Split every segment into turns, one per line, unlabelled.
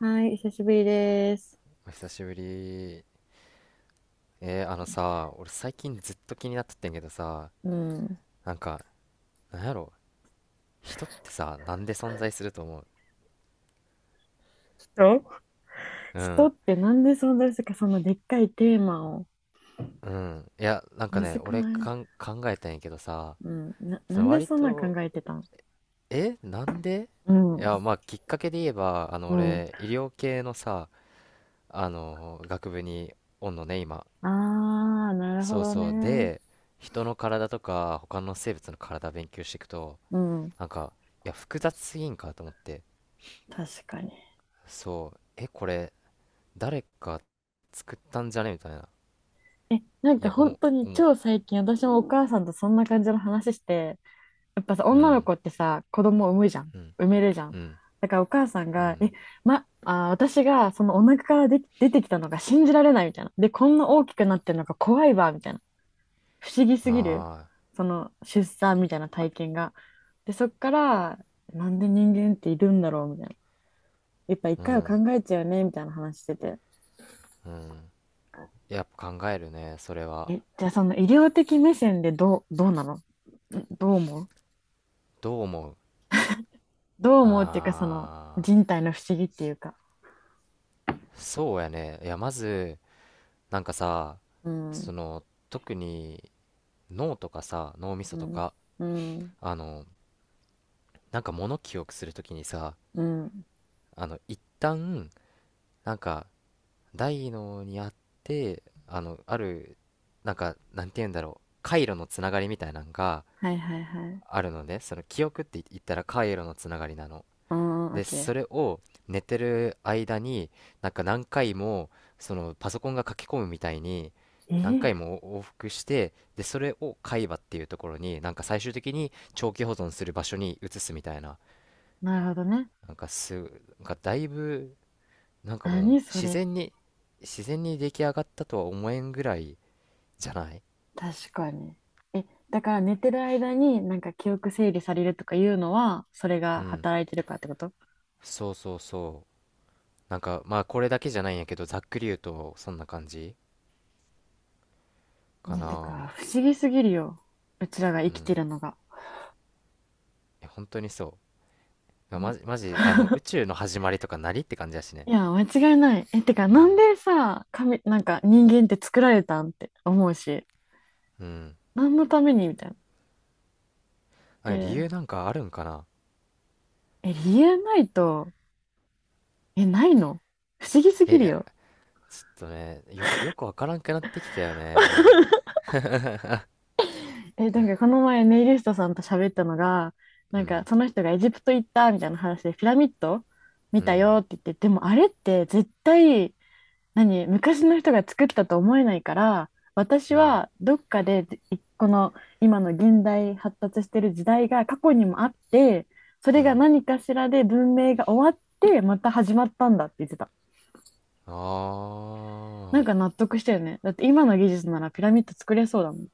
はい、久しぶりです。
お久しぶり。えー、あのさ、俺最近ずっと気になってってんけどさ、
うん。
なんか、なんやろ、人ってさ、なんで存在すると思う？う
人
ん、
ってなんでそんな、かそのでっかいテーマを。
うん。いや、なんか
むず
ね、
く
俺
ない？
かん考えたんやけどさ、
うん。な、
そ
な
の
んで
割
そんな考
と、
えてたん？
え、なんで？
う
い
ん。
や、まあ、きっかけで言えば、
うん。
俺、医療系のさ、学部におんのね、今。
ああ、なるほ
そう
ど
そう。
ね。
で、人の体とか、他の生物の体勉強していくと、
うん。
なんか、いや、複雑すぎんかと思って。
確かに。
そう、え、これ、誰か作ったんじゃねみたいな。
なん
い
か
や、お
本
も、
当に
おも、
超最近私もお母さんとそんな感じの話して、やっぱさ、
う
女の
ん、
子ってさ、子供を産むじゃん。
うん、
産めるじゃ
う
ん。
ん、
だからお母さん
う
が、え、
ん。
ま、あー、私がそのお腹からで出てきたのが信じられないみたいな。で、こんな大きくなってるのが怖いわ、みたいな。不思議すぎる。
あ
その出産みたいな体験が。で、そっから、なんで人間っているんだろう、みたいな。やっぱ一
あ、う
回は考
ん、
えちゃうよね、みたいな話してて。
うん。やっぱ考えるね、それは。
じゃあその医療的目線でどうなの？んどう思う？
どう思う？
どう思うっていうか、その
ああ、
人体の不思議っていうか。
そうやね。いや、まず、なんかさ、
う
そ
ん。
の、特に脳とかさ、脳みそ
う
と
ん、
か、
うん、
あの、なんか物記憶するときにさ、
うん。
一旦、なんか大脳にあってあのあるなんかなんて言うんだろう回路のつながりみたいなのが
はいはいはい。
あるので、その記憶って言ったら回路のつながりなの
うん、オッ
で、そ
ケ
れを寝てる間になんか何回も、そのパソコンが書き込むみたいに
ー。
何
ー、
回も往復して、でそれを海馬っていうところになんか最終的に長期保存する場所に移すみたいな。
なるほどね。
なんかすなんかだいぶ、もう
何そ
自
れ、
然に出来上がったとは思えんぐらいじゃない？
確かに。え、だから寝てる間になんか記憶整理されるとかいうのは、それ
う
が
ん、
働いてるかってこと？
そうそうそう。なんかまあこれだけじゃないんやけど、ざっくり言うとそんな感じか
ね、て
な。
か、不思議すぎるよ。うちらが
う
生きて
ん、
るのが。
いや本当にそうま
な
じマジマジ、あの宇 宙の始まりとかなりって感じやしね。
いや、間違いない。てか、
う
なん
ん、
でさ、神、なんか人間って作られたんって思うし、
うん。
何のためにみたいな。
あ、理
で、
由なんかあるんかな。
理由ないと、ないの？不思議すぎ
えい
る
や
よ。
ちょっとね、よくよくわからんくなってきたよね、も
なんかこの前ネイリストさんと喋ったのが、な
う。う
ん
ん、
かその人がエジプト行ったみたいな話でピラミッド見
う
た
ん、
よって言って、でもあれって絶対、何、昔の人が作ったと思えないから、私
うん、
はどっかで、この今の現代発達してる時代が過去にもあって、そ
う
れが
ん、
何かしらで文明が終わってまた始まったんだって言ってた。な
あ
ん
あ
か
ー、
納得したよね。だって今の技術ならピラミッド作れそうだもん。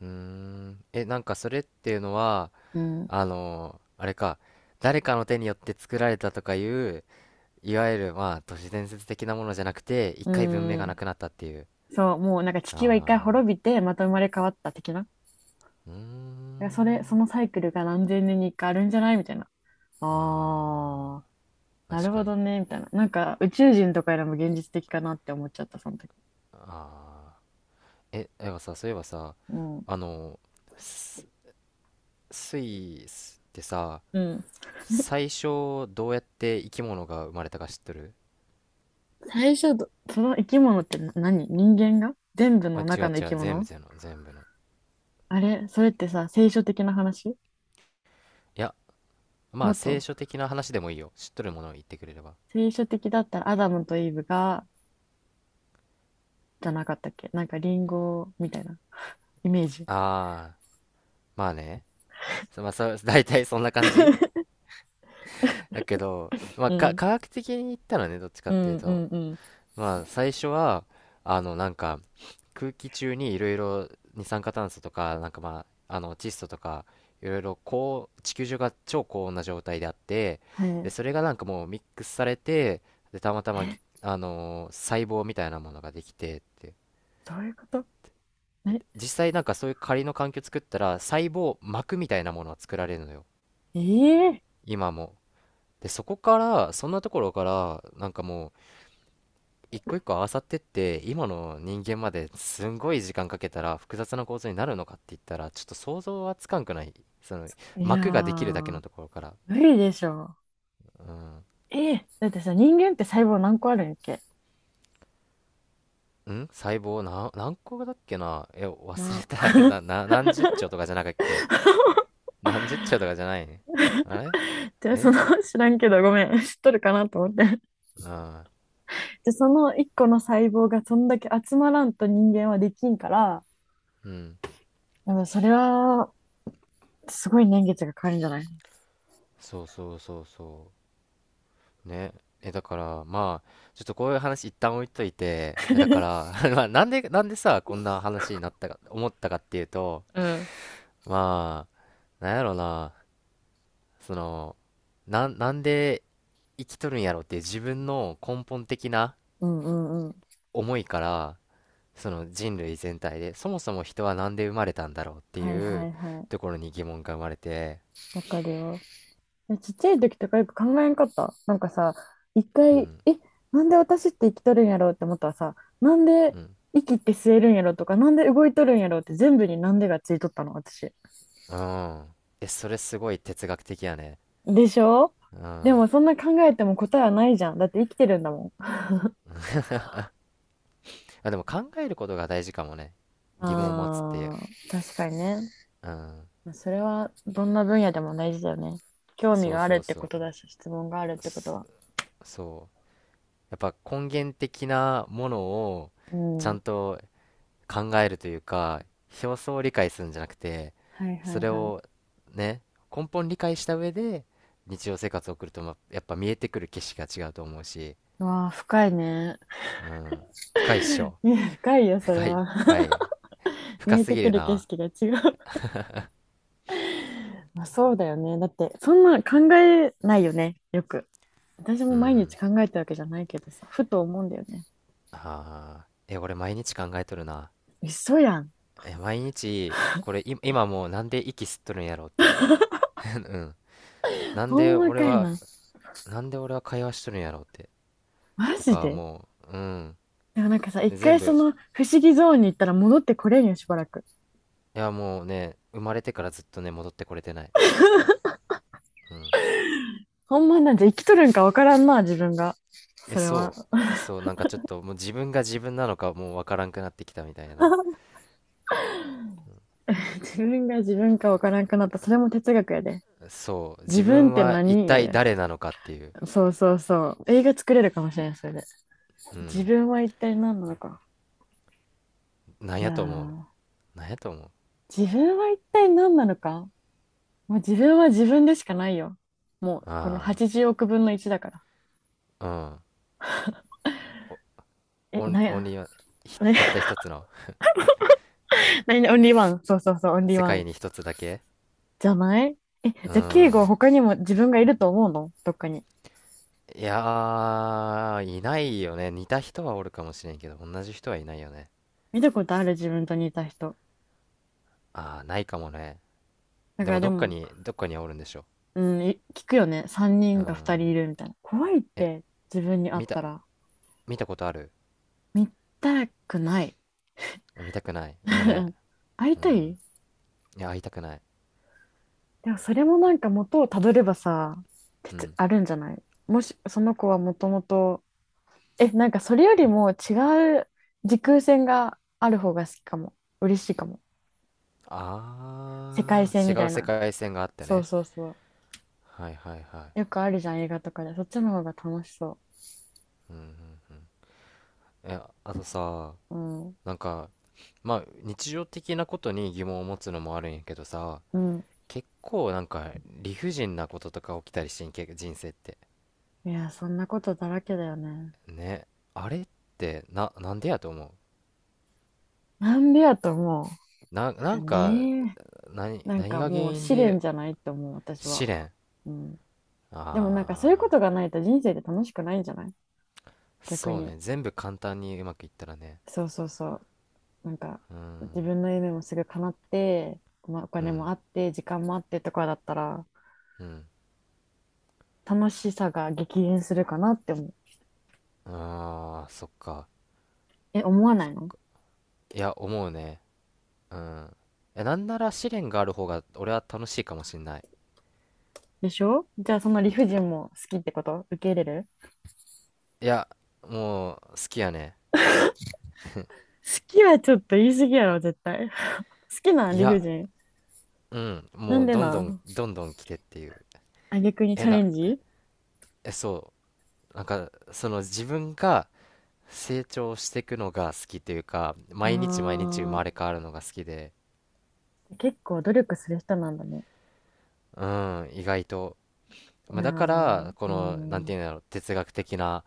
うーん。え、なんかそれっていうのは、
うん。
あのーあれか、誰かの手によって作られたとかいう、いわゆる、まあ、都市伝説的なものじゃなくて、一
う
回文明がな
ん。
くなったっていう。
そう、もうなんか地球は一回
あ
滅
あ、
びて、また生まれ変わった的な。だか
うー
らそれ、そ
ん。
のサイクルが何千年に一回あるんじゃないみたいな。あ
あ
ー、
あ、
な
確
る
か
ほ
に。
どね、みたいな。なんか宇宙人とかよりも現実的かなって思っちゃった、その時。
ああ。え、でもさ、そういえばさ、
うん。
あの、ススイスってさ、
うん。
最初どうやって生き物が生まれたか知っとる？
最初ど、その生き物って何、人間が全部
あ、
の
違
中
う
の生
違
き
う、全部、
物？
全部の。
あれそれってさ、聖書的な話？
いや、ま
も
あ、
っ
聖
と、
書的な話でもいいよ。知っとるものを言ってくれれば。
聖書的だったらアダムとイブが、じゃなかったっけ、なんかリンゴみたいなイメージ。
ああ、まあね。そまあ、そう、大体そんな感じ だけど、まあ、
うん。
科学的に言ったらね、どっちか
う
っていう
んう
と、
んうん。
まあ、最初は、あの、なんか、空気中にいろいろ二酸化炭素とか、窒素とか、いろいろ地球上が超高温な状態であって、
は
で、
い。
それがなんかもうミックスされて、で、たまたま
え、
ぎ、あのー細胞みたいなものができてって。
どういうこと？え、
実際なんかそういう仮の環境作ったら細胞膜みたいなものは作られるのよ、
ええ
今も。でそこから、そんなところからなんかもう一個一個合わさってって今の人間まで、すんごい時間かけたら複雑な構造になるのかって言ったら、ちょっと想像はつかんくない？その
いや
膜ができるだけ
ー、
のところから。
無理でしょ。
うん、
ええだってさ、人間って細胞何個あるんやっけ？
細胞、何個だっけな。え、忘
な。
れた。 何十兆とかじゃなかったっけ。何十兆とかじゃないね。あれ、
じゃあそ
え
の、知らんけどごめん、知っとるかなと思って。
あ、
じゃあその一個の細胞がそんだけ集まらんと人間はできんから、
うん、
でもそれは、すごい年月がかかるんじゃない？
そうそうそうそうね。だからまあちょっとこういう話一旦置いといて、だから まあなんでさこんな話になったかっていうと、
うん。
まあなんやろうな、その、なんなんで生きとるんやろっていう自分の根本的な
うんうんうん。
思いから、その人類全体でそもそも人はなんで生まれたんだろうって
はい
い
は
う
いはい。
ところに疑問が生まれて。
わかるよ。ちっちゃい時とかよく考えんかった。なんかさ、一
う
回、
ん、
なんで私って生きとるんやろうって思ったらさ、なんで
うん、
息って吸えるんやろうとか、なんで動いとるんやろうって全部になんでがついとったの、私。
うん。え、それすごい哲学的やね。
でしょ？
う
で
ん。
もそんな考えても答えはないじゃん。だって生きてるんだもん。
あ、でも考えることが大事かもね。疑問を持つっていう。
あー、確かにね。
うん。
まあそれはどんな分野でも大事だよね。興味
そう
がある
そ
っ
う
てこ
そ
とだし、質問があるっ
う。
てことは。
そう。やっぱ根源的なものを
う
ち
ん。
ゃ
は
んと考えるというか、表層を理解するんじゃなくて、
いは
そ
い
れ
はい。
をね、根本理解した上で日常生活を送ると、やっぱ見えてくる景色が違うと思うし、
うわあ、深いね。
うん。深いっしょ。
いや、深いよ、それ
深い、
は。
深い。
見
深
え
す
て
ぎ
く
る
る景
な。
色が違う。まあ、そうだよね。だって、そんな考えないよね、よく。私
う
も毎日
ん。
考えたわけじゃないけどさ、ふと思うんだよね。
ああ。え、俺毎日考えとるな。
嘘やん。
え、毎日、これ、今もう、なんで息吸っとるんやろうって。うん。なん
ほ
で
んま
俺
かい
は、
な。
なんで俺は会話しとるんやろうって。
マ
と
ジ
か、
で？
もう、うん。
でもなんかさ、
で
一
全
回そ
部、
の不思議ゾーンに行ったら戻ってこれんよ、しばらく。
いや、もうね、生まれてからずっとね、戻ってこれてない。うん。
ほんまなんて生きとるんかわからんな、自分が。
え、
それは
そう。そう、なんかちょっと、もう自分が自分なのかもうわからんくなってきたみたいな。
自分が自分かわからんくなった。それも哲学やで。
そう。
自
自
分っ
分
て
は一
何や
体
で。
誰なのかっていう。
そうそうそう。映画作れるかもしれない、それで。
う
自
ん。
分は一体何なのか。
なん
いや
やと思う？
ー、
なんやと思う？
自分は一体何なのか。もう自分は自分でしかないよ。もう、この
あ
80億分の1だから。
あー。うん。お、
なん
オン
や、
リーワン、
な
たった一つの、
何 オンリーワン。そうそうそう、オンリー
世
ワン。
界に一つだけ
じゃない？
う
じゃあ、敬語は
ん。
他にも自分がいると思うの？どっかに。
いやー、いないよね。似た人はおるかもしれんけど、同じ人はいないよね。
見たことある？自分と似た人。
あー、ないかもね。
だ
で
か
も
らで
どっか
も、
に、どっかにはおるんでしょ。
うん、聞くよね。3
う
人か2人
ん。
いるみたいな。怖いっ
え、
て、自分に会っ
見た、
たら。
見たことある？
見たくない。
見たくない、よね。
会い
う
た
ん。
い？
いや、会いたくない。
でもそれもなんか元をたどればさ、
う
鉄
ん。
あるんじゃない？もしその子はもともと、なんかそれよりも違う時空線がある方が好きかも。嬉しいかも。世界
あ
線み
ー、違
た
う
い
世
な。
界線があって
そう
ね。
そうそう。
はいはいはい。
よくあるじゃん、映画とかで。そっちの方が楽しそ
うんうんうん。え、あとさ、
う。うん。
なんか、まあ、日常的なことに疑問を持つのもあるんやけどさ、
うん。
結構なんか理不尽なこととか起きたりしてんけ、人生って。
いや、そんなことだらけだよね。
ね、あれってな、なんでやと思
なんでやと思
う？な
う。
んか、
ねえ。なん
何
か
が原
もう
因
試練
で。
じゃないと思う、私
試
は。
練、
うん。でもなんかそういうこ
ああ
とがないと人生で楽しくないんじゃない？
ー、
逆
そう
に。
ね、全部簡単にうまくいったらね。
そうそうそう。なんか、
う
自
ん、
分の夢もすぐ叶って、まあ、お
う
金も
ん、
あって、時間もあってとかだったら、
うん。
楽しさが激減するかなって思う。
ああー、そっか。
え、思わないの？
いや思うね。うん。え、なんなら試練がある方が俺は楽しいかもしんない。
でしょ？じゃあ、その理不尽も好きってこと？受け入れる？
いや、もう好きやね。
好きはちょっと言い過ぎやろ、絶対。好きなん？
い
理不
や、
尽。
うん、
な
も
ん
う
で
どん
な
どん
ん？
どんどん来てっていう。
あ、逆にチ
え、
ャレ
な、
ンジ？
え、そう。なんか、その自分が成長していくのが好きというか、毎日毎日生
あ
まれ変わるのが好きで、
ー、結構努力する人なんだね。
うん、意外と。
い
まあ、
や
だか
ー、
ら、こ
うー
の、なんて
ん、
いうんだろう、哲学的な、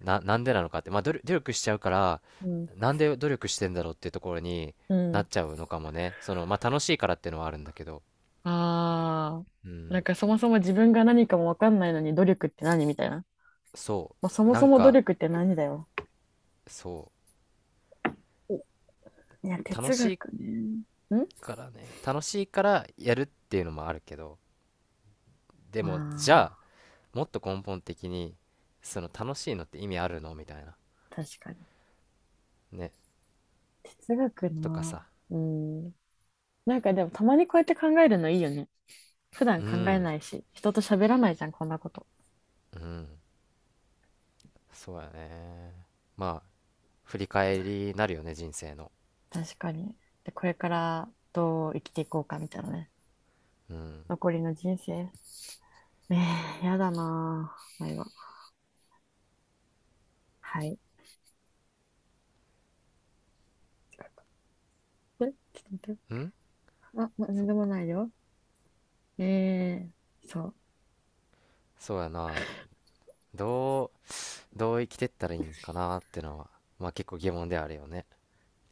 なんでなのかって、まあ、努力しちゃうから、
うん、
なんで努力してんだろうっていうところに
う
な
ん。
っちゃうのかもね。その、まあ、楽しいからっていうのはあるんだけど、
ああ、
う
なん
ん、
かそもそも自分が何かもわかんないのに努力って何みたいな。
そ
まあ、そ
う。
も
な
そ
ん
も努
か、
力って何だよ。
そ
いや、
う。楽
哲
しい
学ね。ん
からね、楽しいからやるっていうのもあるけど、でも、じゃあ、
ま
もっと根本的にその楽しいのって意味あるのみたいな、
あ、確かに。
ね、
哲学
とか
な。
さ。
うん。なんかでもたまにこうやって考えるのいいよね。普段
う
考え
ん、
ないし、人と喋らないじゃん、こんなこと。
うん、そうやね。まあ振り返りになるよね、人生の。
確かに。で、これからどう生きていこうかみたいなね。
うん、
残りの人生。ええ、やだなぁ。なははい。ちょっと待って。
うん。
あ、ま、なんでも
そ
ないよ。ええそう
そうやな。どうどう生きてったらいいんかなってのは、まあ結構疑問ではあるよね。